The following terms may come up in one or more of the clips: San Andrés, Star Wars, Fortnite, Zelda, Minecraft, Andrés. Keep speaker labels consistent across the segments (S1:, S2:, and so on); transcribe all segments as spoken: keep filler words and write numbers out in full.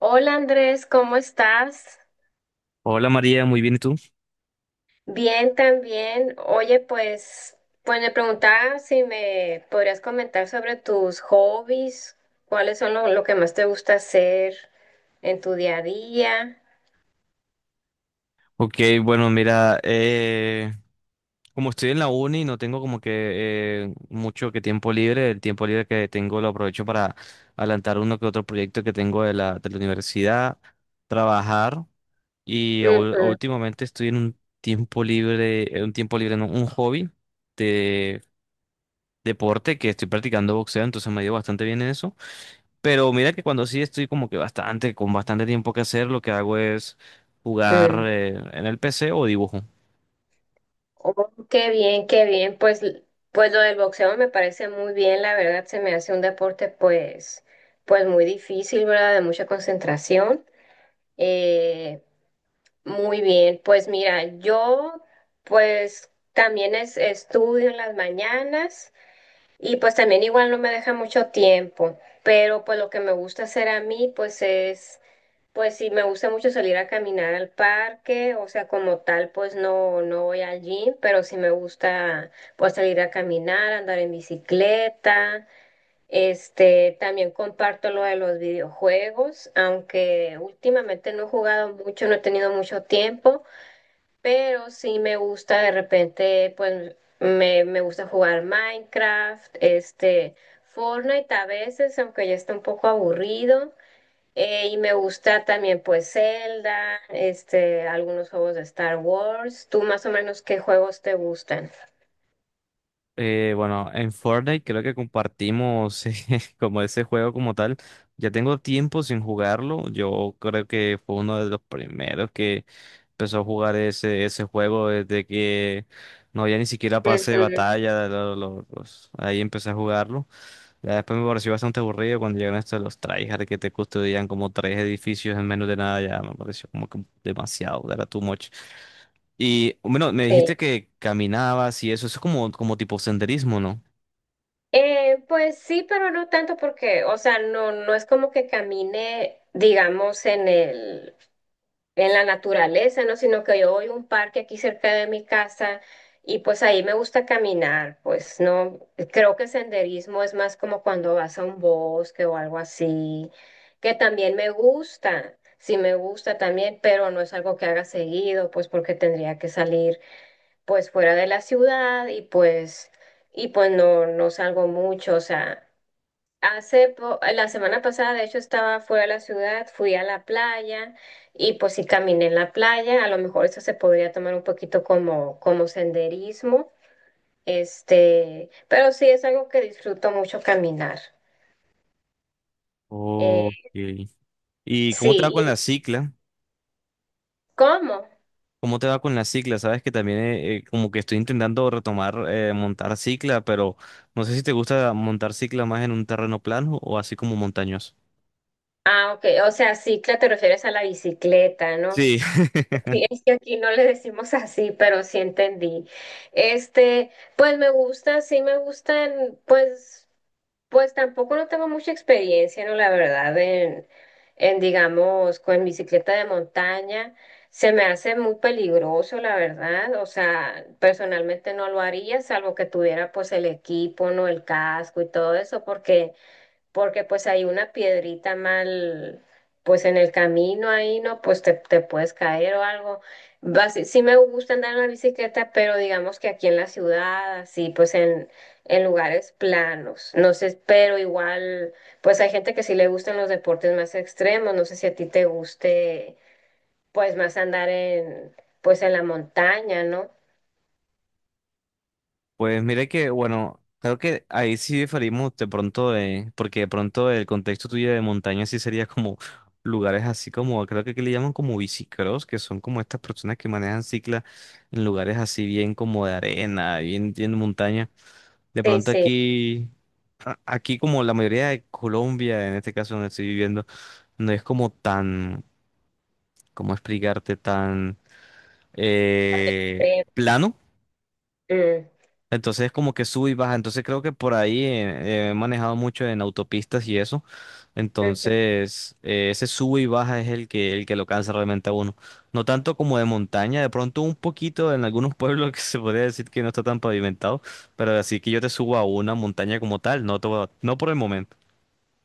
S1: Hola Andrés, ¿cómo estás?
S2: Hola María, muy bien, ¿y tú?
S1: Bien también. Oye, pues, pues me preguntaba si me podrías comentar sobre tus hobbies, cuáles son lo, lo que más te gusta hacer en tu día a día.
S2: Ok, bueno, mira, eh, como estoy en la uni, no tengo como que eh, mucho que tiempo libre. El tiempo libre que tengo lo aprovecho para adelantar uno que otro proyecto que tengo de la, de la universidad, trabajar y ul-
S1: Ujú.
S2: últimamente estoy en un tiempo libre, eh, un tiempo libre, no, un hobby de deporte que estoy practicando boxeo, entonces me ha ido bastante bien en eso. Pero mira que cuando sí estoy como que bastante, con bastante tiempo que hacer, lo que hago es
S1: Mm.
S2: jugar
S1: Mm.
S2: eh, en el P C o dibujo.
S1: Oh, qué bien, qué bien. Pues, l- pues lo del boxeo me parece muy bien, la verdad, se me hace un deporte pues, pues muy difícil, ¿verdad? De mucha concentración. Eh, Muy bien, pues mira, yo pues también es, estudio en las mañanas y pues también igual no me deja mucho tiempo, pero pues lo que me gusta hacer a mí pues es, pues sí, me gusta mucho salir a caminar al parque, o sea, como tal pues no, no voy al gym, pero sí me gusta pues salir a caminar, andar en bicicleta. Este, también comparto lo de los videojuegos, aunque últimamente no he jugado mucho, no he tenido mucho tiempo. Pero sí me gusta de repente, pues me, me gusta jugar Minecraft, este, Fortnite a veces, aunque ya está un poco aburrido. Eh, y me gusta también pues Zelda, este, algunos juegos de Star Wars. ¿Tú más o menos qué juegos te gustan?
S2: Eh, bueno, en Fortnite creo que compartimos eh, como ese juego como tal. Ya tengo tiempo sin jugarlo. Yo creo que fue uno de los primeros que empezó a jugar ese, ese juego desde que no había ni siquiera pase de
S1: Ujú.
S2: batalla. Lo- lo- los- ahí empecé a jugarlo. Ya después me pareció bastante aburrido cuando llegaron estos los tryhard que te custodian como tres edificios en menos de nada. Ya me pareció como que demasiado, era too much. Y bueno, me
S1: Sí.
S2: dijiste que caminabas y eso, eso es como, como tipo senderismo, ¿no?
S1: Eh, pues sí, pero no tanto porque, o sea, no, no es como que camine, digamos, en el, en la naturaleza, ¿no? Sino que yo voy a un parque aquí cerca de mi casa y pues ahí me gusta caminar, pues no, creo que senderismo es más como cuando vas a un bosque o algo así, que también me gusta. Sí me gusta también, pero no es algo que haga seguido, pues porque tendría que salir pues fuera de la ciudad y pues y pues no no salgo mucho, o sea, Hace po- la semana pasada, de hecho, estaba fuera de la ciudad, fui a la playa y pues sí caminé en la playa. A lo mejor eso se podría tomar un poquito como, como senderismo, este, pero sí es algo que disfruto mucho caminar. Eh,
S2: Ok. ¿Y cómo te va
S1: sí,
S2: con
S1: ¿y
S2: la cicla?
S1: cómo?
S2: ¿Cómo te va con la cicla? Sabes que también eh, eh, como que estoy intentando retomar eh, montar cicla, pero no sé si te gusta montar cicla más en un terreno plano o así como montañoso.
S1: Ah, ok, o sea, cicla te refieres a la bicicleta, ¿no?
S2: Sí.
S1: Sí, es que aquí no le decimos así, pero sí entendí. Este, pues me gusta, sí me gustan, pues. Pues tampoco no tengo mucha experiencia, ¿no? La verdad, en, en, digamos, con bicicleta de montaña. Se me hace muy peligroso, la verdad. O sea, personalmente no lo haría, salvo que tuviera pues el equipo, ¿no? El casco y todo eso, porque porque pues hay una piedrita mal, pues en el camino ahí, ¿no? Pues te, te puedes caer o algo. Basi- sí sí me gusta andar en la bicicleta, pero digamos que aquí en la ciudad, así, pues en, en lugares planos, no sé, pero igual, pues hay gente que sí le gustan los deportes más extremos, no sé si a ti te guste, pues más andar en, pues en la montaña, ¿no?
S2: Pues mire que, bueno, creo que ahí sí diferimos de pronto, eh, porque de pronto el contexto tuyo de montaña sí sería como lugares así como, creo que aquí le llaman como bicicross, que son como estas personas que manejan cicla en lugares así bien como de arena, bien, bien de montaña. De
S1: Sí,
S2: pronto
S1: sí.
S2: aquí... a- aquí como la mayoría de Colombia, en este caso donde estoy viviendo, no es como tan, ¿cómo explicarte? Tan eh, plano.
S1: eh,
S2: Entonces es como que sube y baja. Entonces creo que por ahí eh, he manejado mucho en autopistas y eso.
S1: mm.
S2: Entonces eh, ese sube y baja es el que, el que lo cansa realmente a uno. No tanto como de montaña, de pronto un poquito en algunos pueblos que se podría decir que no está tan pavimentado, pero así que yo te subo a una montaña como tal, no, to- no por el momento.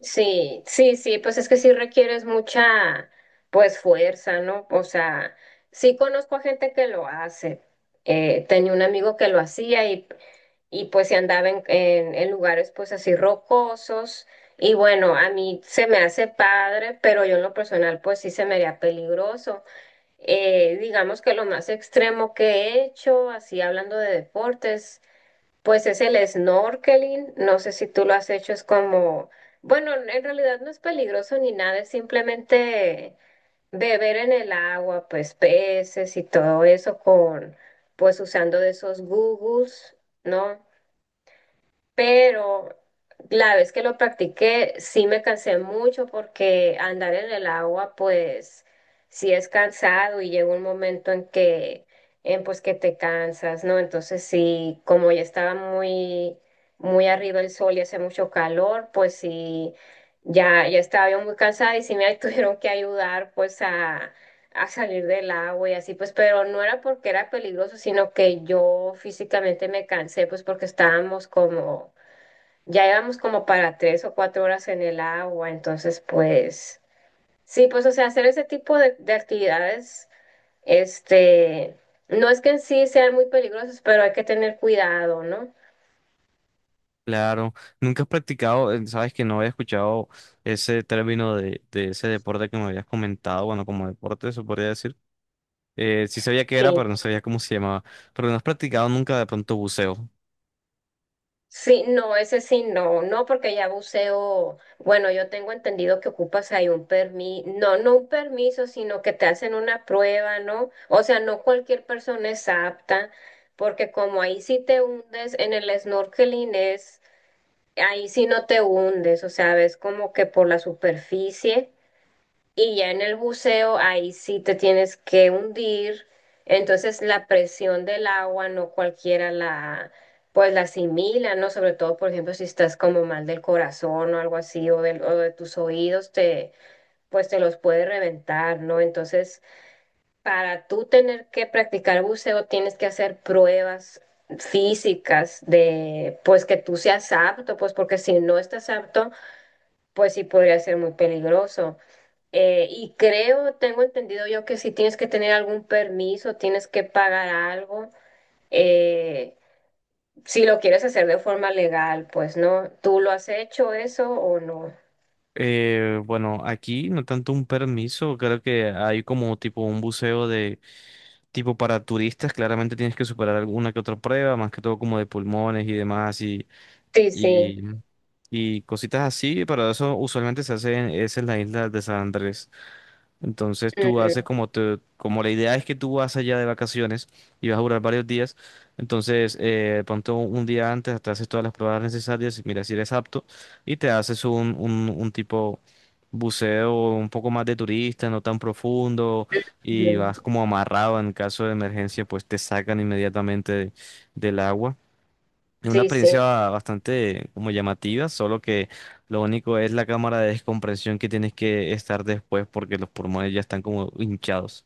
S1: Sí, sí, sí, pues es que sí requieres mucha, pues fuerza, ¿no? O sea, sí conozco a gente que lo hace. Eh, tenía un amigo que lo hacía y, y pues se andaba en, en, en lugares pues así rocosos. Y bueno, a mí se me hace padre, pero yo en lo personal pues sí se me haría peligroso. Eh, digamos que lo más extremo que he hecho, así hablando de deportes. Pues es el snorkeling, no sé si tú lo has hecho, es como, bueno, en realidad no es peligroso ni nada, es simplemente beber en el agua, pues peces y todo eso con, pues usando de esos googles, ¿no? Pero la vez que lo practiqué sí me cansé mucho porque andar en el agua pues sí es cansado y llega un momento en que en pues que te cansas, ¿no? Entonces sí, como ya estaba muy muy arriba el sol y hace mucho calor, pues sí ya ya estaba yo muy cansada y sí me tuvieron que ayudar pues a a salir del agua y así, pues, pero no era porque era peligroso, sino que yo físicamente me cansé, pues, porque estábamos como ya llevamos como para tres o cuatro horas en el agua, entonces pues sí, pues o sea, hacer ese tipo de, de actividades, este, no es que en sí sean muy peligrosos pero hay que tener cuidado, ¿no?
S2: Claro, nunca has practicado, eh, sabes que no había escuchado ese término de, de ese deporte que me habías comentado, bueno, como deporte, se podría decir. Eh, sí sabía qué era,
S1: Sí.
S2: pero no sabía cómo se llamaba. Pero no has practicado nunca de pronto buceo.
S1: Sí, no, ese sí, no, no, porque ya buceo, bueno, yo tengo entendido que ocupas ahí un permiso, no, no un permiso, sino que te hacen una prueba, ¿no? O sea, no cualquier persona es apta, porque como ahí sí te hundes en el snorkeling es. Ahí sí no te hundes, o sea, ves como que por la superficie y ya en el buceo ahí sí te tienes que hundir. Entonces la presión del agua no cualquiera la pues la asimila, ¿no? Sobre todo, por ejemplo, si estás como mal del corazón o algo así o, del- o de tus oídos te pues te los puede reventar, ¿no? Entonces para tú tener que practicar buceo, tienes que hacer pruebas físicas de, pues, que tú seas apto, pues, porque si no estás apto, pues sí podría ser muy peligroso. Eh, y creo, tengo entendido yo que si tienes que tener algún permiso, tienes que pagar algo, eh, si lo quieres hacer de forma legal, pues, ¿no? ¿Tú lo has hecho eso o no?
S2: Eh, bueno, aquí no tanto un permiso, creo que hay como tipo un buceo de tipo para turistas, claramente tienes que superar alguna que otra prueba, más que todo como de pulmones y demás y,
S1: Sí, sí.
S2: y, y cositas así, pero eso usualmente se hace en, es en la isla de San Andrés. Entonces tú haces
S1: Mm,
S2: como te, como la idea es que tú vas allá de vacaciones y vas a durar varios días, entonces eh, ponte un, un día antes, te haces todas las pruebas necesarias, mira si eres apto y te haces un, un, un tipo buceo un poco más de turista, no tan profundo
S1: mm,
S2: y vas
S1: mm.
S2: como amarrado en caso de emergencia, pues te sacan inmediatamente de- del agua. Es una
S1: Sí, sí.
S2: experiencia bastante como llamativa, solo que lo único es la cámara de descompresión que tienes que estar después porque los pulmones ya están como hinchados.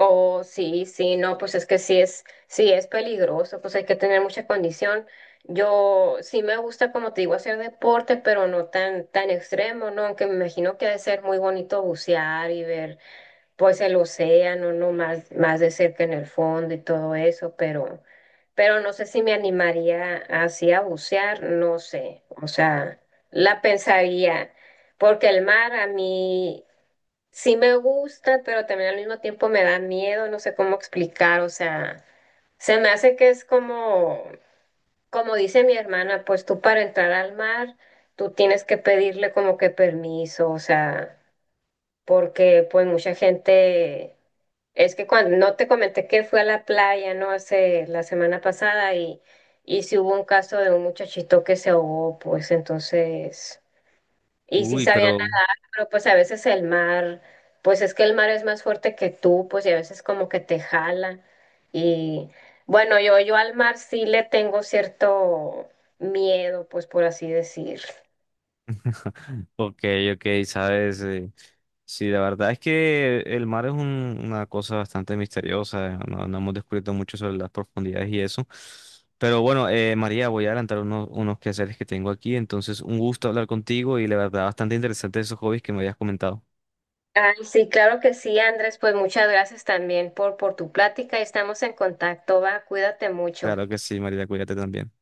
S1: Oh, sí, sí, no, pues es que sí es, sí es peligroso, pues hay que tener mucha condición. Yo sí me gusta, como te digo, hacer deporte, pero no tan, tan extremo, ¿no? Aunque me imagino que ha de ser muy bonito bucear y ver, pues, el océano, ¿no? Más, más de cerca en el fondo y todo eso, pero, pero no sé si me animaría así a bucear, no sé, o sea, la pensaría, porque el mar a mí... Sí me gusta, pero también al mismo tiempo me da miedo, no sé cómo explicar, o sea, se me hace que es como, como dice mi hermana, pues tú para entrar al mar, tú tienes que pedirle como que permiso, o sea, porque pues mucha gente, es que cuando, no te comenté que fui a la playa, ¿no? Hace la semana pasada y, y sí hubo un caso de un muchachito que se ahogó, pues entonces, y sí
S2: Uy,
S1: sabían
S2: pero
S1: pero pues a veces el mar, pues es que el mar es más fuerte que tú, pues y a veces como que te jala. Y bueno, yo, yo al mar sí le tengo cierto miedo, pues por así decir.
S2: ok, ok, sabes, eh, sí, la verdad es que el mar es un- una cosa bastante misteriosa, no, no hemos descubierto mucho sobre las profundidades y eso. Pero bueno, eh, María, voy a adelantar unos, unos quehaceres que tengo aquí, entonces un gusto hablar contigo y la verdad bastante interesante esos hobbies que me habías comentado.
S1: Ay, sí, claro que sí, Andrés, pues muchas gracias también por, por tu plática y estamos en contacto, va, cuídate mucho.
S2: Claro que sí, María, cuídate también.